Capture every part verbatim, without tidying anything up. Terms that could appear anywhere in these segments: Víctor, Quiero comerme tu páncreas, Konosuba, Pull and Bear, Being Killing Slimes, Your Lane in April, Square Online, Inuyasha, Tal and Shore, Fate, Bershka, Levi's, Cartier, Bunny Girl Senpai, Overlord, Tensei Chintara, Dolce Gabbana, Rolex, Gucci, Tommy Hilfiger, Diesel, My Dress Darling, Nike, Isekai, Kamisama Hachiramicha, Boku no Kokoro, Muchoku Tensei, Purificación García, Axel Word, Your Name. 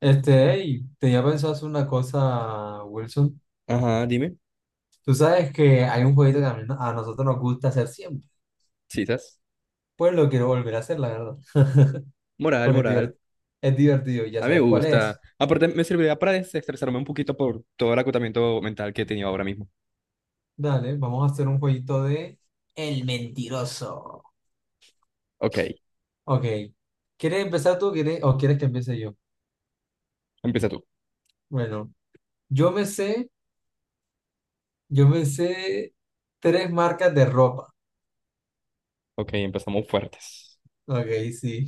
Este, hey, tenía pensado hacer una cosa, Wilson. Ajá, dime. Tú sabes que hay un jueguito que a, mí- no, a nosotros nos gusta hacer siempre. Sí, estás. Pues lo quiero volver a hacer, la verdad. Moral, Porque es moral. divert- es divertido, y ya A mí me sabes cuál gusta. es. Aparte, me servirá para desestresarme un poquito por todo el acotamiento mental que he tenido ahora mismo. Dale, vamos a hacer un jueguito de El Mentiroso. Ok, Ok. ¿Quieres empezar tú quieres, o quieres que empiece yo? empieza tú. Bueno, yo me sé, yo me sé tres marcas de ropa. Ok, empezamos fuertes. Ok, sí.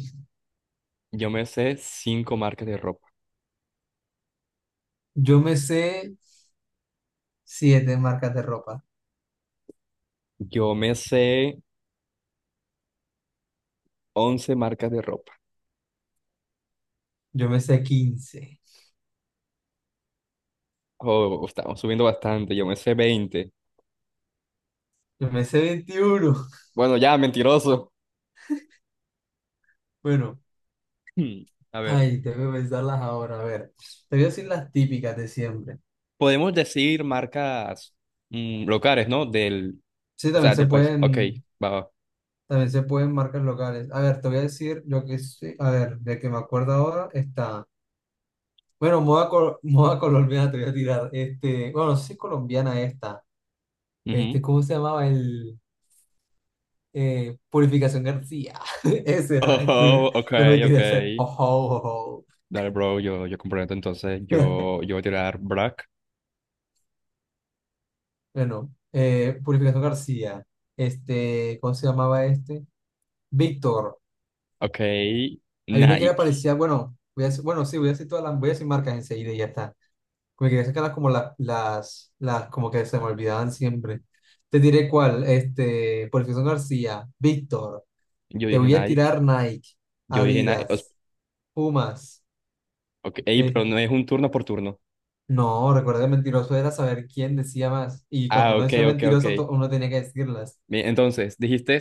Yo me sé cinco marcas de ropa. Yo me sé siete marcas de ropa. Yo me sé once marcas de ropa. Yo me sé quince. Oh, estamos subiendo bastante. Yo me sé veinte. Yo me sé veintiuno. Bueno, ya, mentiroso. Bueno, Hmm, A ver, ay, tengo que pensarlas ahora. A ver, te voy a decir las típicas de siempre. podemos decir marcas mm, locales, ¿no? Del, Sí, o también sea, se del país. Ok, pueden, va, va. también se pueden marcas locales. A ver, te voy a decir lo que sí. A ver, de que me acuerdo ahora está. Bueno, moda, col- moda colombiana te voy a tirar. Este, bueno, no sé si es colombiana esta. Ujú. Este, ¿cómo se llamaba el eh, Purificación García? Ese era, ese, Oh, ok, no me ok. quería hacer. Ojo, ojo. Dale, bro, yo, yo comprometo entonces, yo, yo voy a tirar Brack. Bueno, eh, Purificación García, este, ¿cómo se llamaba este? Víctor. Ok, Hay una que era Nike. parecida, bueno, voy a decir- bueno, sí, voy a decir todas las, voy a decir marcas enseguida y ya está. Me quería sacarlas como la- las, las, como que se me olvidaban siempre. Te diré cuál, este, Purificación García, Víctor. Yo Te dije voy a Nike, tirar Nike, yo dije Nike. os- Adidas, Pumas. ok, ey, eh, pero no es un turno por turno. no, recuerda que mentiroso era saber quién decía más. Y cuando Ah, uno ok, decía ok, ok. mentiroso, to- uno tenía que decirlas. Bien, entonces, dijiste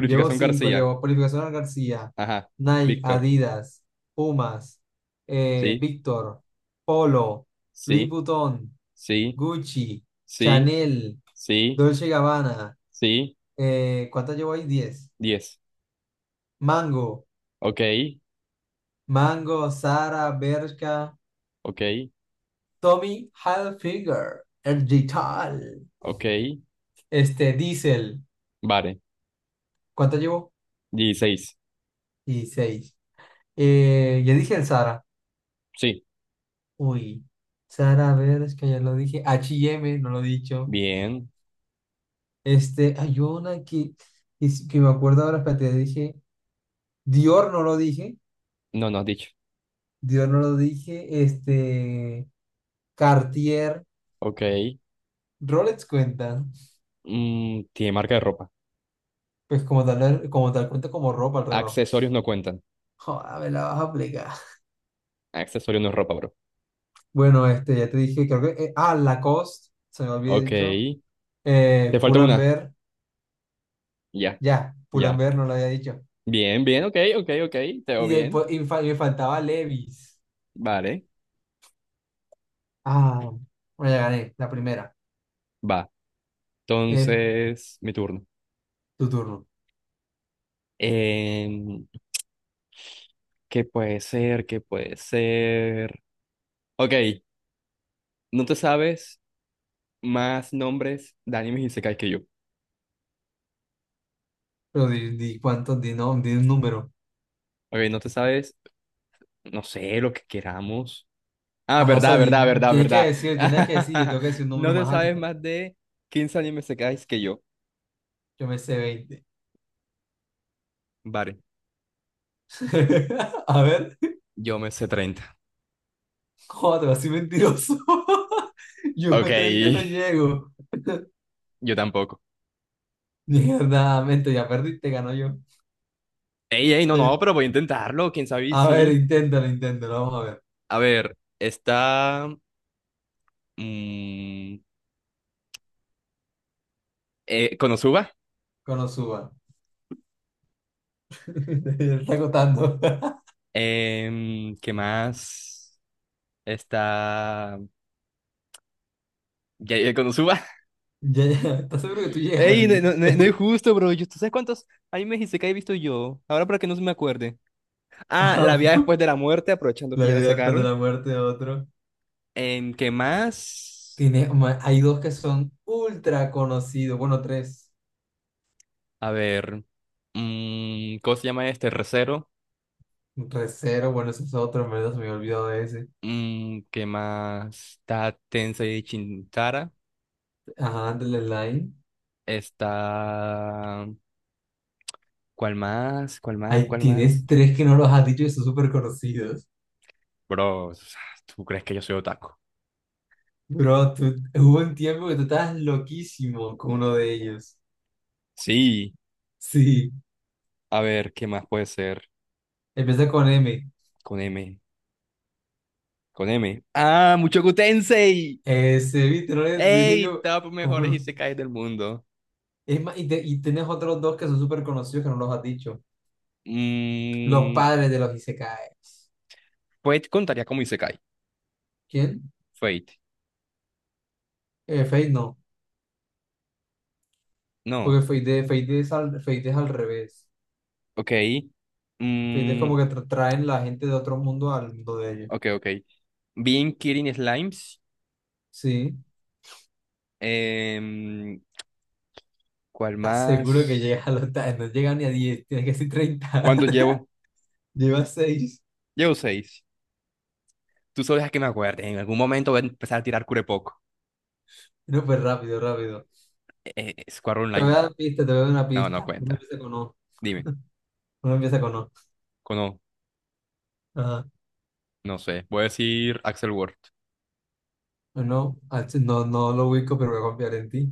Llevo cinco, García. llevo Purificación García, Ajá, Nike, Víctor. Adidas, Pumas, eh, Sí, Víctor, Polo, Louis sí, Vuitton, sí, Gucci, sí, Chanel, sí, Dolce Gabbana. sí. Eh, ¿cuántas llevo ahí? Diez. Diez. Mango, Ok, Mango, Zara, Bershka, ok, Tommy Hilfiger, el Digital ok. este, Diesel. Vale, ¿Cuántas llevo? dieciséis. Y seis. Eh, ya dije el Zara. Sí, Uy, Sara, a ver, es que ya lo dije. H y M no lo he dicho. bien. Este, hay una que, que, s- que me acuerdo ahora, espérate, dije. Dior no lo dije. No, no has dicho. Dior no lo dije. Este, Cartier, Ok. Rolex cuenta. Mm, tiene marca de ropa. Pues como tal, como tal cuenta como ropa el reloj. Accesorios no cuentan. Joder, me la vas a aplicar. Accesorio no es ropa, bro. Bueno, este, ya te dije, creo que. eh, ah, Lacoste, se me había Ok. dicho. Eh, Te falta Pull and una. Bear Ya, ya, Pull and ya. Bear no lo había dicho. Bien, bien, ok, ok, ok. Te veo Y bien. después, y fa- y me faltaba Levi's. Vale, Ah, bueno, ya gané, la primera. va. Es Entonces, mi turno. tu turno. Em, ¿qué puede ser? ¿Qué puede ser? Ok, no te sabes más nombres de animes isekai que yo. Pero di, di cuánto, di, no, di un número. Ok, no te sabes, no sé, lo que queramos. Ah, Ajá, o sea, verdad, verdad, di- verdad, tienes que verdad. decir, tienes que decir, yo tengo que decir un No número te más sabes alto. más de quince animes isekais que yo. Yo me sé veinte. Vale, A ver, yo me sé treinta. joder, así mentiroso. Yo Ok. a treinta no llego. Yo tampoco. Mierda, mente, ya perdiste, ganó yo. Ey, ey, no, Eh, no, pero voy a intentarlo, quién sabe y a ver, sí. inténtalo, inténtalo, vamos a ver. A ver, está mm, eh, Konosuba. Cuando suba. Te está agotando. Em, ¿qué más? Está ya, ya, Konosuba. Ya, ya, ¿estás seguro que tú llegas a Ey, no, diez? no, no- no es justo, bro. Yo- ¿Tú sabes cuántos animes Isekai he visto yo? Ahora para que no se me acuerde. Ah, La vida Ah, después de la muerte, aprovechando la que ya la vida después de sacaron. la muerte de otro. Em, ¿qué más? Tiene, ma- hay dos que son ultra conocidos. Bueno, tres. A ver, mm, ¿cómo se llama este? Recero. Recero, bueno, ese es otro, en verdad se me había olvidado de ese. Mm, ¿qué más? Está Tensei Chintara. Ajá, de la Line. Está. ¿Cuál más? ¿Cuál más? Ahí ¿Cuál más? tienes tres que no los has dicho y son súper conocidos. Bro, o sea, ¿tú crees que yo soy otaku? Bro, tú- hubo un tiempo que tú estabas loquísimo con uno de ellos. Sí. Sí, A ver, ¿qué más puede ser? empieza con M. Con M. Con M. ¡Ah! ¡Muchoku Tensei! Ese, viste, no le dije ¡Ey! yo. Top Como mejores isekais del mundo. es más, y, te- y tienes otros dos que son súper conocidos que no los has dicho. Los Mm, padres de los Isekai. Fate contaría como isekai. ¿Quién? Fate. Eh, Fate, no. No. Porque Fate, Fate es al, Fate es al revés. Ok. Fate es Mm, como que tra- traen la gente de otro mundo al mundo de ellos. ok, ok. Being Killing Slimes. Sí. em, ¿Cuál ¿Estás seguro que más? llegas a los... ta- no llega ni a diez, tienes que ser treinta? ¿Cuántos llevo? Llevas seis. Llevo seis. Tú solo dejas que me acuerde. En algún momento voy a empezar a tirar curepoco. No, pues rápido, rápido. Eh, eh, Square Te voy a Online. dar una pista, te voy a dar una No, no pista. Uno cuenta. empieza con O. Dime. Uno empieza con O. Cono, Ajá. no No sé. Voy a decir Axel Word. No, ah, sí, no, no lo ubico, pero voy a confiar en ti.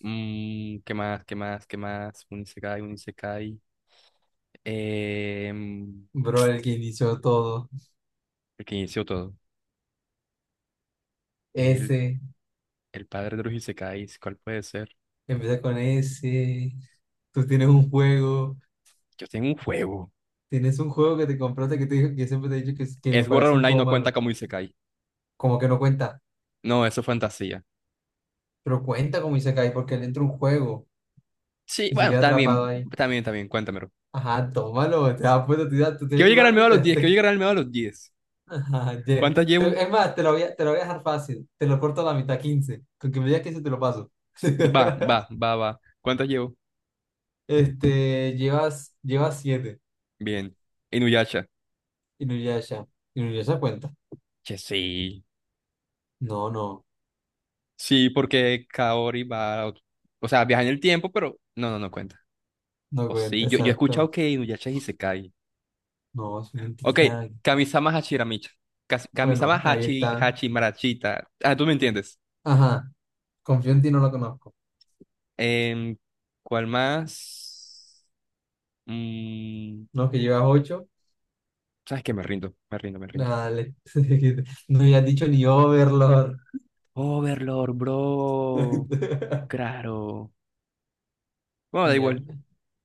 Mm, ¿qué más? ¿Qué más? ¿Qué más? Un Isekai, un Isekai. Em, Bro, el que inició todo. el que inició todo. El, S. el padre de los Isekais. ¿Cuál puede ser? Empieza con S. Tú tienes un juego. Yo tengo un juego. Tienes un juego que te compraste que te dijo, que siempre te he dicho que, es- que me Sword Art parece un Online juego no cuenta malo. como Isekai. Como que no cuenta. No, eso es fantasía. Pero cuenta como Isekai porque le entra un juego Sí, y se bueno, queda está atrapado bien, ahí. está bien, está bien. Cuéntamelo. Ajá, tómalo, te das cuenta, te, da- te estoy Quiero llegar al ayudando medio a y te... los diez, ¿quiero te- llegar al medio a los diez? Ajá, ¿Cuántas ye- llevo? te- es más, te lo voy a, te lo voy a dejar fácil. Te lo corto a la mitad, quince. Con que me digas quince te lo paso. Va, va, va, va. ¿Cuántas llevo? Este, llevas, llevas siete. Bien. Inuyasha. Inuyasha. Inuyasha cuenta. Che, sí. No, no, Sí, porque Kaori va, a ot- o sea, viaja en el tiempo, pero no, no, no cuenta. no O sí, cuenta, yo, yo he escuchado exacto. que Inuyasha es Isekai. No, es Ok, mentira. Kamisama Hachiramicha. Kas- Kamisama Bueno, ahí Hachi, está. Hachimarachita. Ah, tú me entiendes. Ajá. Confío en ti, no lo conozco. Em, ¿Cuál más? Mm, No, que llevas ocho. ¿Sabes qué? Me rindo, me rindo, me rindo. Dale. No me has dicho ni Overlord. Overlord, bro. Claro. Bueno, da Tenía. igual.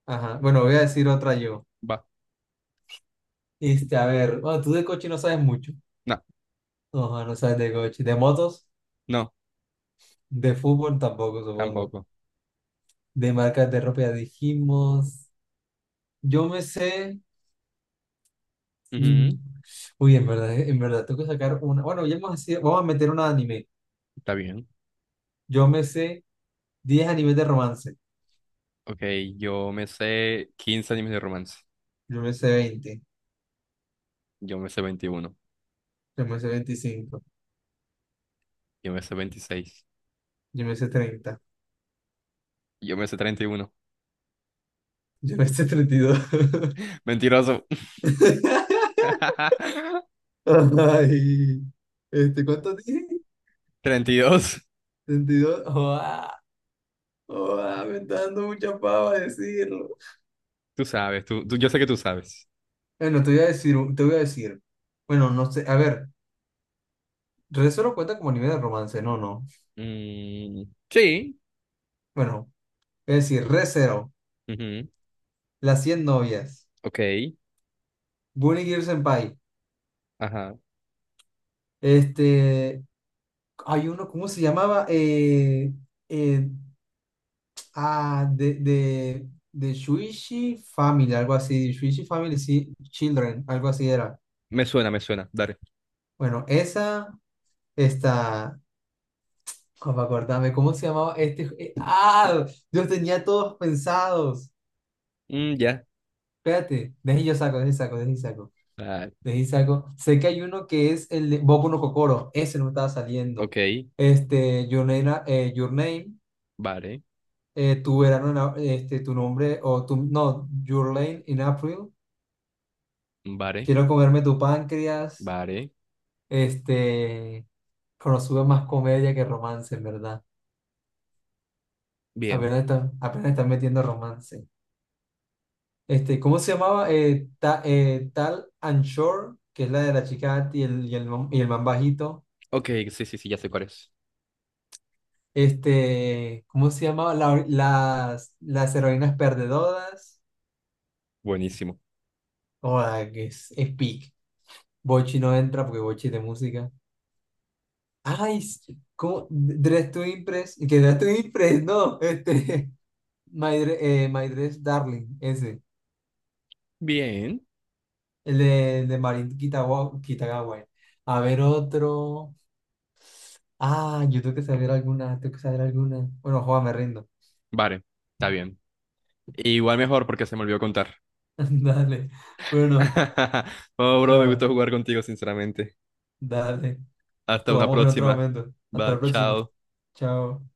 Ajá. Bueno, voy a decir otra yo. Va. Este, a ver, bueno, tú de coche no sabes mucho. No, No, no no sabes de coche. De motos, no, de fútbol tampoco, supongo. tampoco. De marcas de ropa ya dijimos. Yo me sé. Mm, Ujú, uy, en verdad, en verdad, tengo que sacar una. Bueno, ya hemos sido- vamos a meter una de anime. está bien. Yo me sé diez animes de romance. Ok, yo me sé quince animes de romance. Yo me sé veinte. Yo me sé veintiuno. Yo me sé veinticinco. Yo me sé veintiséis. Yo me sé treinta. Yo me sé treinta y uno. Yo me sé treinta y dos. Mentiroso. Ay, este, ¿cuánto dije? Treinta y dos. treinta y dos. Joa, joa, me está dando mucha pava decirlo. Tú sabes, tú, tú- yo sé que tú sabes. Bueno, te voy a decir, un- te voy a decir. Bueno, no sé, a ver, re cero cuenta como nivel de romance, no, no. Mm, sí. Bueno, es decir, re cero, Ujú, las cien novias, ok, Bunny Girl Senpai, ajá. este, hay uno, ¿cómo se llamaba? Eh, eh, Ah, de, de, de Shuichi Family, algo así. Shuichi Family sí, Children, algo así era. Me suena, me suena. Dale. Bueno, esa está. ¿Cómo acordarme? ¿Cómo se llamaba este? ju- eh, ¡Ah! Yo los tenía todos pensados. Mm, ya. Espérate, deje yo saco, deje saco, deje saco. Dale. Deje saco. Sé que hay uno que es el de Boku no Kokoro. Ese no me estaba saliendo. Ok, Este, Your Name, na- eh, Your Name, vale, eh, tu verano, en a- este, tu nombre, o tu, no, Your Lane in April. vale, Quiero comerme tu páncreas. vale. Este, Konosuba es más comedia que romance, en verdad. Bien. Apenas están, apenas están metiendo romance. Este, ¿cómo se llamaba? Eh, Ta- eh, Tal and Shore, que es la de la chica alta y el, y el, man- y el man bajito. Ok, sí, sí, sí, ya sé cuál es. Este, ¿cómo se llamaba? La- las, las heroínas perdedoras. Buenísimo. Joda, que es, es peak. Bochi no entra porque Bochi es de música. Ay, s- ¿cómo? Dress to Impress. Que Dress to Impress, no. Este, My, Dre- eh, My Dress Darling, ese. Bien. El de, de Marín Kitagawa, Kitagawa. A ver otro. Ah, yo tengo que saber alguna, tengo que saber alguna. Bueno, juega, me rindo. Vale, está bien. Igual mejor porque se me olvidó contar. Dale. Bueno, Oh, bro, me ah, gustó jugar contigo, sinceramente. dale. Hasta una Jugamos en otro próxima. momento. Hasta Va, la próxima. chao. Chao.